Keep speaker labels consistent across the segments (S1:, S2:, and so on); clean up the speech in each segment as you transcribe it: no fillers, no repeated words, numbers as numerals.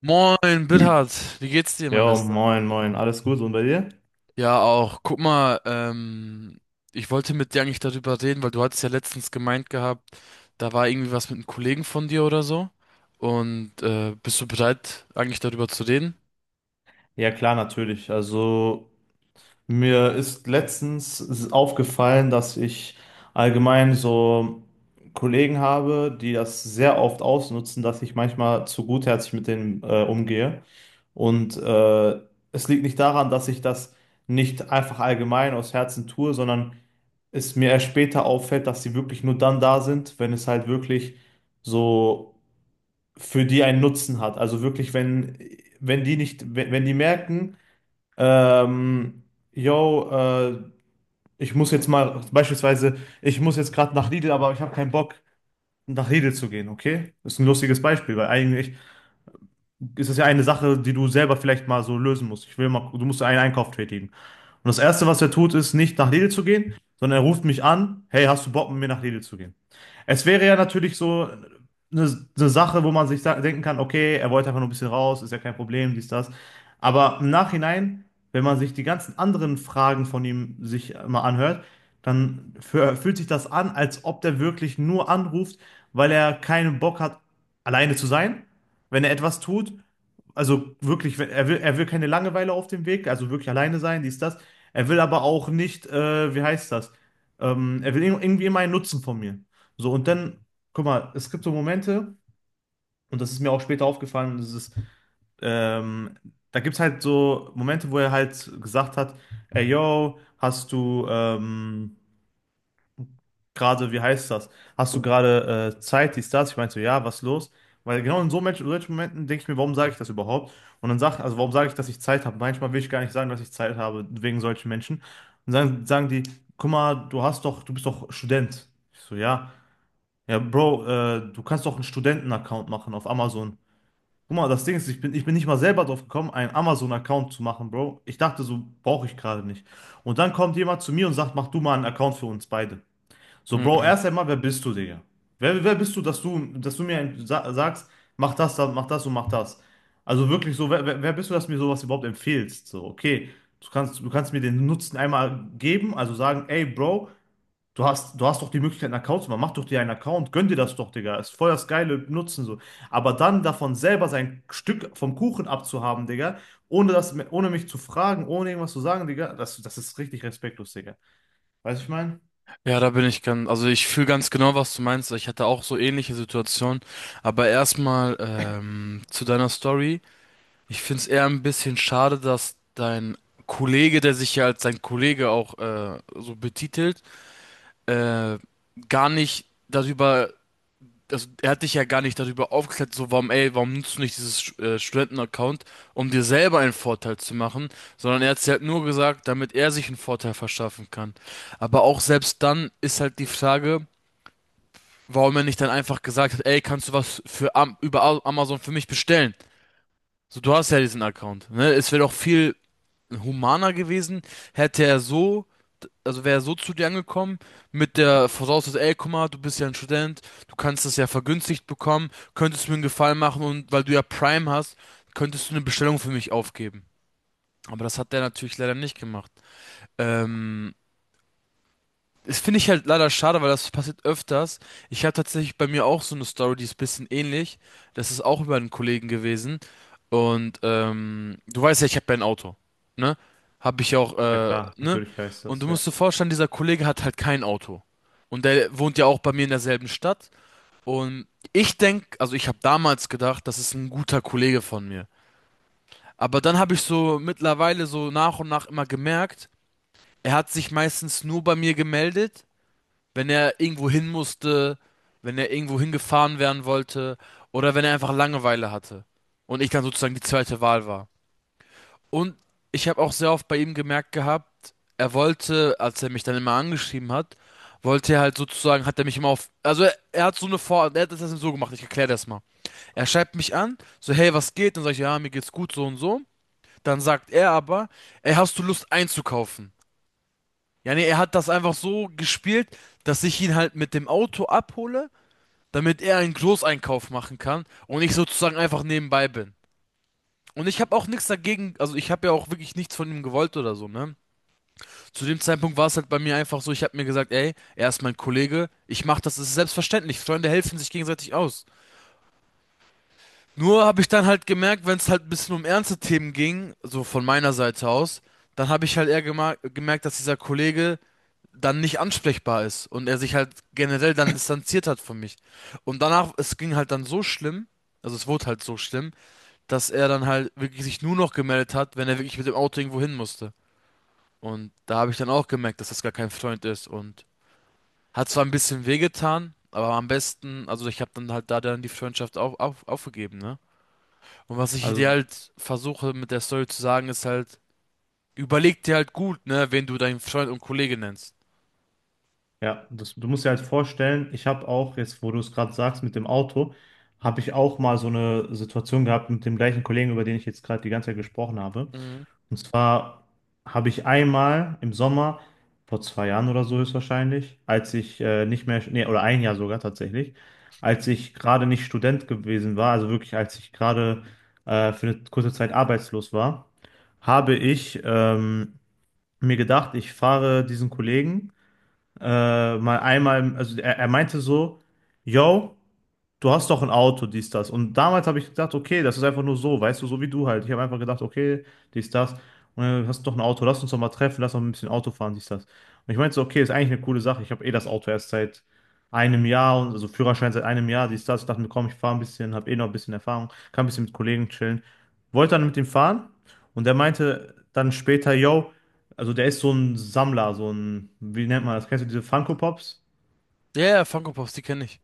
S1: Moin,
S2: Hm.
S1: Bithard, wie geht's dir, mein
S2: Jo,
S1: Bester?
S2: moin, moin, alles gut und bei dir?
S1: Ja, auch. Guck mal, ich wollte mit dir eigentlich darüber reden, weil du hattest ja letztens gemeint gehabt, da war irgendwie was mit einem Kollegen von dir oder so. Und bist du bereit, eigentlich darüber zu reden?
S2: Ja, klar, natürlich. Also, mir ist letztens aufgefallen, dass ich allgemein so Kollegen habe, die das sehr oft ausnutzen, dass ich manchmal zu gutherzig mit denen umgehe. Und äh, Es liegt nicht daran, dass ich das nicht einfach allgemein aus Herzen tue, sondern es mir erst später auffällt, dass sie wirklich nur dann da sind, wenn es halt wirklich so für die einen Nutzen hat. Also wirklich, wenn die nicht, wenn die merken, ähm, yo, ich muss jetzt mal, beispielsweise, ich muss jetzt gerade nach Lidl, aber ich habe keinen Bock, nach Lidl zu gehen, okay? Das ist ein lustiges Beispiel, weil eigentlich ist es ja eine Sache, die du selber vielleicht mal so lösen musst. Ich will mal, du musst einen Einkauf tätigen. Und das Erste, was er tut, ist nicht nach Lidl zu gehen, sondern er ruft mich an: Hey, hast du Bock, mit mir nach Lidl zu gehen? Es wäre ja natürlich so eine Sache, wo man sich denken kann, okay, er wollte einfach nur ein bisschen raus, ist ja kein Problem, dies, das. Aber im Nachhinein, wenn man sich die ganzen anderen Fragen von ihm sich mal anhört, dann fühlt sich das an, als ob der wirklich nur anruft, weil er keinen Bock hat, alleine zu sein, wenn er etwas tut, also wirklich, er will keine Langeweile auf dem Weg, also wirklich alleine sein, dies, das. Er will aber auch nicht, wie heißt das? Er will irgendwie immer einen Nutzen von mir. So, und dann, guck mal, es gibt so Momente, und das ist mir auch später aufgefallen, und das ist, ähm, da gibt es halt so Momente, wo er halt gesagt hat: Ey, yo, hast du, gerade, wie heißt das? Hast du gerade Zeit, dies, das? Ich meinte so: Ja, was ist los? Weil genau in so solchen Momenten denke ich mir, warum sage ich das überhaupt? Und dann sag, also warum sage ich, dass ich Zeit habe? Manchmal will ich gar nicht sagen, dass ich Zeit habe, wegen solchen Menschen. Und dann sagen die: Guck mal, du hast doch, du bist doch Student. Ich so: Ja. Ja, Bro, du kannst doch einen Studenten-Account machen auf Amazon. Guck mal, das Ding ist, ich bin nicht mal selber drauf gekommen, einen Amazon-Account zu machen, Bro. Ich dachte, so brauche ich gerade nicht. Und dann kommt jemand zu mir und sagt: Mach du mal einen Account für uns beide. So, Bro,
S1: Mhm.
S2: erst einmal, wer bist du, Digga? Wer bist du, dass du mir sa sagst, mach das, mach das und mach das? Also wirklich so, wer bist du, dass du mir sowas überhaupt empfiehlst? So, okay, du kannst mir den Nutzen einmal geben, also sagen: Ey, Bro, du hast doch die Möglichkeit, einen Account zu machen, mach doch dir einen Account, gönn dir das doch, Digga, ist voll das geile Nutzen so. Aber dann davon selber sein Stück vom Kuchen abzuhaben, Digga, ohne mich zu fragen, ohne irgendwas zu sagen, Digga, das ist richtig respektlos, Digga. Weißt du, was ich meine?
S1: Ja, da bin ich ganz, also ich fühle ganz genau, was du meinst. Ich hatte auch so ähnliche Situationen. Aber erstmal zu deiner Story. Ich finde es eher ein bisschen schade, dass dein Kollege, der sich ja als dein Kollege auch so betitelt, äh, gar nicht darüber, also er hat dich ja gar nicht darüber aufgeklärt, so warum, ey, warum nutzt du nicht dieses Studenten-Account, um dir selber einen Vorteil zu machen, sondern er hat es halt nur gesagt, damit er sich einen Vorteil verschaffen kann. Aber auch selbst dann ist halt die Frage, warum er nicht dann einfach gesagt hat, ey, kannst du was für Amazon für mich bestellen? So, du hast ja diesen Account, ne? Es wäre doch viel humaner gewesen, hätte er so, also wäre er so zu dir angekommen, mit der Voraussetzung, ey, guck mal, du bist ja ein Student, du kannst das ja vergünstigt bekommen, könntest du mir einen Gefallen machen und weil du ja Prime hast, könntest du eine Bestellung für mich aufgeben. Aber das hat der natürlich leider nicht gemacht. Ähm, Das finde ich halt leider schade, weil das passiert öfters. Ich habe tatsächlich bei mir auch so eine Story, die ist ein bisschen ähnlich. Das ist auch über einen Kollegen gewesen. Und du weißt ja, ich habe ja ein Auto. Ne? Habe ich auch,
S2: Ja klar,
S1: ne?
S2: natürlich heißt
S1: Und
S2: das,
S1: du
S2: ja.
S1: musst dir vorstellen, dieser Kollege hat halt kein Auto. Und der wohnt ja auch bei mir in derselben Stadt. Und ich denk, also ich habe damals gedacht, das ist ein guter Kollege von mir. Aber dann habe ich so mittlerweile so nach und nach immer gemerkt, er hat sich meistens nur bei mir gemeldet, wenn er irgendwo hin musste, wenn er irgendwo hingefahren werden wollte oder wenn er einfach Langeweile hatte und ich dann sozusagen die zweite Wahl war. Und ich habe auch sehr oft bei ihm gemerkt gehabt, er wollte, als er mich dann immer angeschrieben hat, wollte er halt sozusagen, hat er mich immer auf, also er hat so eine Vor, er hat das so gemacht, ich erkläre das mal. Er schreibt mich an, so hey, was geht? Dann sage ich, ja, mir geht's gut, so und so. Dann sagt er aber, ey, hast du Lust einzukaufen? Ja, nee, er hat das einfach so gespielt, dass ich ihn halt mit dem Auto abhole, damit er einen Großeinkauf machen kann und ich sozusagen einfach nebenbei bin. Und ich habe auch nichts dagegen, also ich habe ja auch wirklich nichts von ihm gewollt oder so, ne? Zu dem Zeitpunkt war es halt bei mir einfach so, ich habe mir gesagt, ey, er ist mein Kollege, ich mach das, das ist selbstverständlich, Freunde helfen sich gegenseitig aus. Nur habe ich dann halt gemerkt, wenn es halt ein bisschen um ernste Themen ging, so von meiner Seite aus, dann habe ich halt eher gemerkt, dass dieser Kollege dann nicht ansprechbar ist und er sich halt generell dann distanziert hat von mich. Und danach, es ging halt dann so schlimm, also es wurde halt so schlimm, dass er dann halt wirklich sich nur noch gemeldet hat, wenn er wirklich mit dem Auto irgendwo hin musste. Und da habe ich dann auch gemerkt, dass das gar kein Freund ist und hat zwar ein bisschen wehgetan, aber am besten, also ich habe dann halt da dann die Freundschaft aufgegeben, ne? Und was ich dir
S2: Also,
S1: halt versuche mit der Story zu sagen, ist halt, überleg dir halt gut, ne, wen du deinen Freund und Kollege nennst.
S2: ja, das, du musst dir halt vorstellen, ich habe auch, jetzt wo du es gerade sagst mit dem Auto, habe ich auch mal so eine Situation gehabt mit dem gleichen Kollegen, über den ich jetzt gerade die ganze Zeit gesprochen habe.
S1: Mhm.
S2: Und zwar habe ich einmal im Sommer, vor zwei Jahren oder so höchstwahrscheinlich, als ich nicht mehr, nee, oder ein Jahr sogar tatsächlich, als ich gerade nicht Student gewesen war, also wirklich als ich gerade für eine kurze Zeit arbeitslos war, habe ich mir gedacht, ich fahre diesen Kollegen mal einmal, also er meinte so: Yo, du hast doch ein Auto, dies, das. Und damals habe ich gedacht, okay, das ist einfach nur so, weißt du, so wie du halt. Ich habe einfach gedacht, okay, dies, das. Und dann hast du doch ein Auto, lass uns doch mal treffen, lass doch ein bisschen Auto fahren, dies, das. Und ich meinte so, okay, ist eigentlich eine coole Sache. Ich habe eh das Auto erst seit einem Jahr, und also Führerschein seit einem Jahr, dies, das. Ich dachte mir, komm, ich fahre ein bisschen, habe eh noch ein bisschen Erfahrung, kann ein bisschen mit Kollegen chillen. Wollte dann mit ihm fahren und er meinte dann später, yo, also der ist so ein Sammler, so ein, wie nennt man das? Kennst du diese Funko Pops?
S1: Ja, ja, Funko Pops, die kenne ich.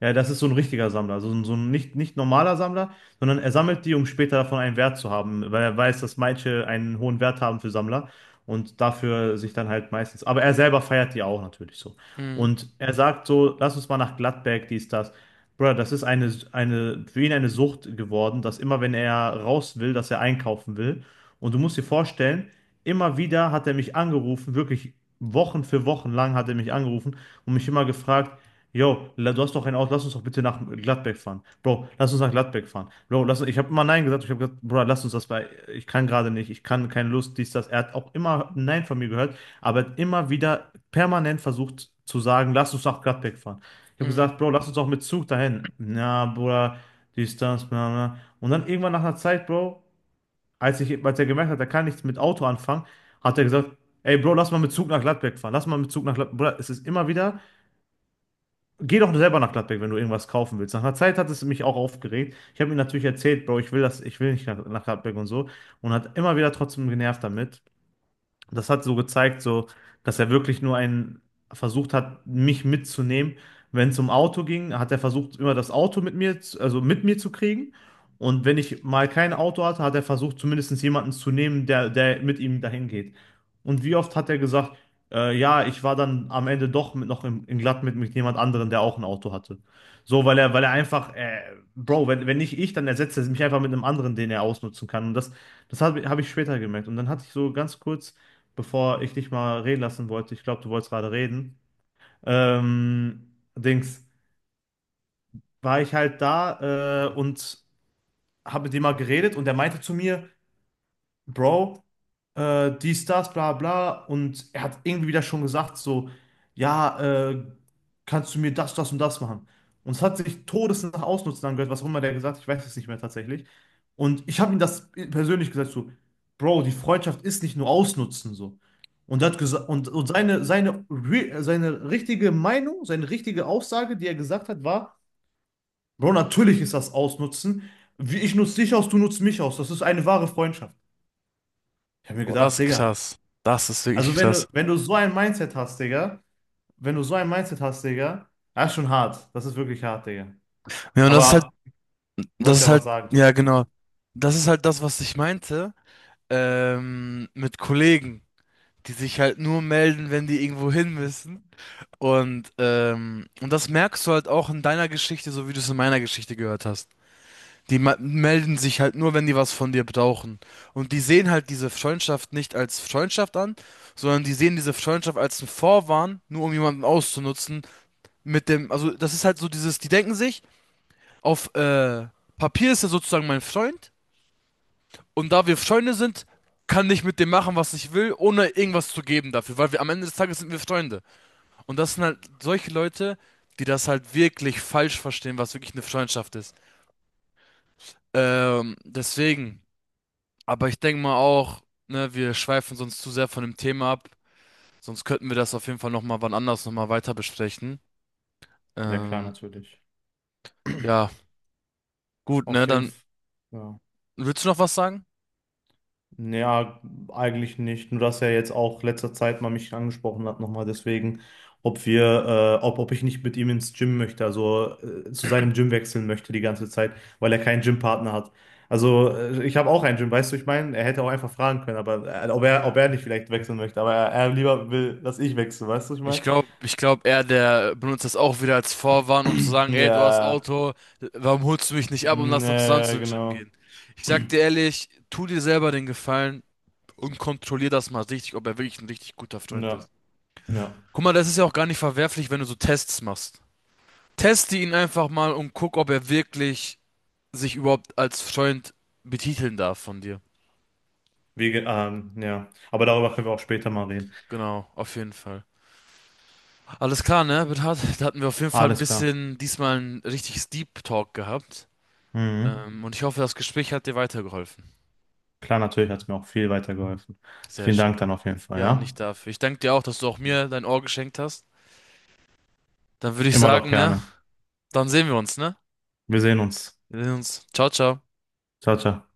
S2: Ja, das ist so ein richtiger Sammler, also so ein nicht normaler Sammler, sondern er sammelt die, um später davon einen Wert zu haben, weil er weiß, dass manche einen hohen Wert haben für Sammler und dafür sich dann halt meistens. Aber er selber feiert die auch natürlich so.
S1: Mhm.
S2: Und er sagt so, lass uns mal nach Gladbeck, dies, das. Bruder, das ist eine, für ihn eine Sucht geworden, dass immer, wenn er raus will, dass er einkaufen will. Und du musst dir vorstellen, immer wieder hat er mich angerufen, wirklich Wochen für Wochen lang hat er mich angerufen und mich immer gefragt: Yo, du hast doch ein Auto, lass uns doch bitte nach Gladbeck fahren. Bro, lass uns nach Gladbeck fahren. Bro, lass, ich habe immer Nein gesagt. Ich habe gesagt, Bro, lass uns das bei. Ich kann gerade nicht, ich kann keine Lust, dies, das. Er hat auch immer Nein von mir gehört, aber hat immer wieder permanent versucht zu sagen, lass uns nach Gladbeck fahren. Ich habe
S1: Mhm.
S2: gesagt, Bro, lass uns doch mit Zug dahin. Na, Bruder, dies, das, bla, bla. Und dann irgendwann nach einer Zeit, Bro, als ich, als er gemerkt hat, er kann nichts mit Auto anfangen, hat er gesagt: Ey, Bro, lass mal mit Zug nach Gladbeck fahren. Lass mal mit Zug nach Gladbeck. Bruder, es ist immer wieder. Geh doch selber nach Gladbeck, wenn du irgendwas kaufen willst. Nach einer Zeit hat es mich auch aufgeregt. Ich habe ihm natürlich erzählt, Bro, ich will das, ich will nicht nach, nach Gladbeck und so. Und hat immer wieder trotzdem genervt damit. Das hat so gezeigt, so, dass er wirklich nur einen versucht hat, mich mitzunehmen. Wenn es um Auto ging, hat er versucht, immer das Auto mit mir, also mit mir zu kriegen. Und wenn ich mal kein Auto hatte, hat er versucht, zumindest jemanden zu nehmen, der mit ihm dahin geht. Und wie oft hat er gesagt, ja, ich war dann am Ende doch mit, noch im, in Glatt mit jemand anderem, der auch ein Auto hatte. So, weil er einfach, Bro, wenn nicht ich, dann ersetzt er mich einfach mit einem anderen, den er ausnutzen kann. Und das hab ich später gemerkt. Und dann hatte ich so ganz kurz bevor ich dich mal reden lassen wollte, ich glaube, du wolltest gerade reden, Dings, war ich halt da und habe mit dem mal geredet und der meinte zu mir, Bro, dies, das, bla bla. Und er hat irgendwie wieder schon gesagt, so, ja, äh, kannst du mir das, das und das machen? Und es hat sich todesnach ausnutzen angehört, was auch immer der gesagt hat, ich weiß es nicht mehr tatsächlich. Und ich habe ihm das persönlich gesagt, so, Bro, die Freundschaft ist nicht nur ausnutzen, so. Und er hat gesagt, und re seine richtige Meinung, seine richtige Aussage, die er gesagt hat, war, Bro, natürlich ist das Ausnutzen. Wie ich nutze dich aus, du nutzt mich aus. Das ist eine wahre Freundschaft. Ich habe mir
S1: Boah, das
S2: gedacht,
S1: ist
S2: Digga.
S1: krass. Das ist wirklich
S2: Also wenn
S1: krass.
S2: du, wenn du so ein Mindset hast, Digga, wenn du so ein Mindset hast, Digga, das ist schon hart. Das ist wirklich hart, Digga.
S1: Ja, und
S2: Aber du
S1: das
S2: wolltest
S1: ist
S2: ja was
S1: halt,
S2: sagen.
S1: ja, genau. Das ist halt das, was ich meinte, mit Kollegen, die sich halt nur melden, wenn die irgendwo hin müssen. Und das merkst du halt auch in deiner Geschichte, so wie du es in meiner Geschichte gehört hast. Die melden sich halt nur, wenn die was von dir brauchen. Und die sehen halt diese Freundschaft nicht als Freundschaft an, sondern die sehen diese Freundschaft als einen Vorwand, nur um jemanden auszunutzen mit dem, also das ist halt so dieses, die denken sich, auf Papier ist er sozusagen mein Freund und da wir Freunde sind, kann ich mit dem machen, was ich will, ohne irgendwas zu geben dafür, weil wir am Ende des Tages sind wir Freunde. Und das sind halt solche Leute, die das halt wirklich falsch verstehen, was wirklich eine Freundschaft ist. Deswegen, aber ich denke mal auch, ne, wir schweifen sonst zu sehr von dem Thema ab, sonst könnten wir das auf jeden Fall nochmal wann anders nochmal weiter besprechen.
S2: Ja, klar,
S1: Ähm,
S2: natürlich.
S1: ja, gut, ne,
S2: Auf jeden
S1: dann
S2: Fall. Ja.
S1: willst du noch was sagen?
S2: Ja, eigentlich nicht. Nur dass er jetzt auch letzter Zeit mal mich angesprochen hat, nochmal deswegen, ob wir, ob, ob ich nicht mit ihm ins Gym möchte, also zu seinem Gym wechseln möchte die ganze Zeit, weil er keinen Gympartner hat. Also ich habe auch einen Gym, weißt du, ich meine, er hätte auch einfach fragen können, aber ob er nicht vielleicht wechseln möchte, aber er lieber will, dass ich wechsle, weißt du, ich
S1: Ich
S2: meine?
S1: glaube, ich glaube, er, der benutzt das auch wieder als Vorwand, um zu sagen, ey, du hast
S2: Ja,
S1: Auto, warum holst du mich nicht ab und lass
S2: mm,
S1: dann zusammen
S2: ja,
S1: zum Gym
S2: genau.
S1: gehen? Ich sag dir ehrlich, tu dir selber den Gefallen und kontrollier das mal richtig, ob er wirklich ein richtig guter Freund
S2: Ja,
S1: ist.
S2: ja.
S1: Guck mal, das ist ja auch gar nicht verwerflich, wenn du so Tests machst. Teste ihn einfach mal und guck, ob er wirklich sich überhaupt als Freund betiteln darf von dir.
S2: Wie, ja. Aber darüber können wir auch später mal reden.
S1: Genau, auf jeden Fall. Alles klar, ne, Bernhard? Da hatten wir auf jeden Fall ein
S2: Alles klar.
S1: bisschen diesmal ein richtiges Deep Talk gehabt.
S2: Mhm.
S1: Und ich hoffe, das Gespräch hat dir weitergeholfen.
S2: Klar, natürlich hat es mir auch viel weitergeholfen.
S1: Sehr
S2: Vielen
S1: schön.
S2: Dank dann auf jeden Fall,
S1: Ja,
S2: ja?
S1: nicht dafür. Ich danke dir auch, dass du auch mir dein Ohr geschenkt hast. Dann würde ich
S2: Immer doch
S1: sagen, ne?
S2: gerne.
S1: Dann sehen wir uns, ne?
S2: Wir sehen uns.
S1: Wir sehen uns. Ciao, ciao.
S2: Ciao, ciao.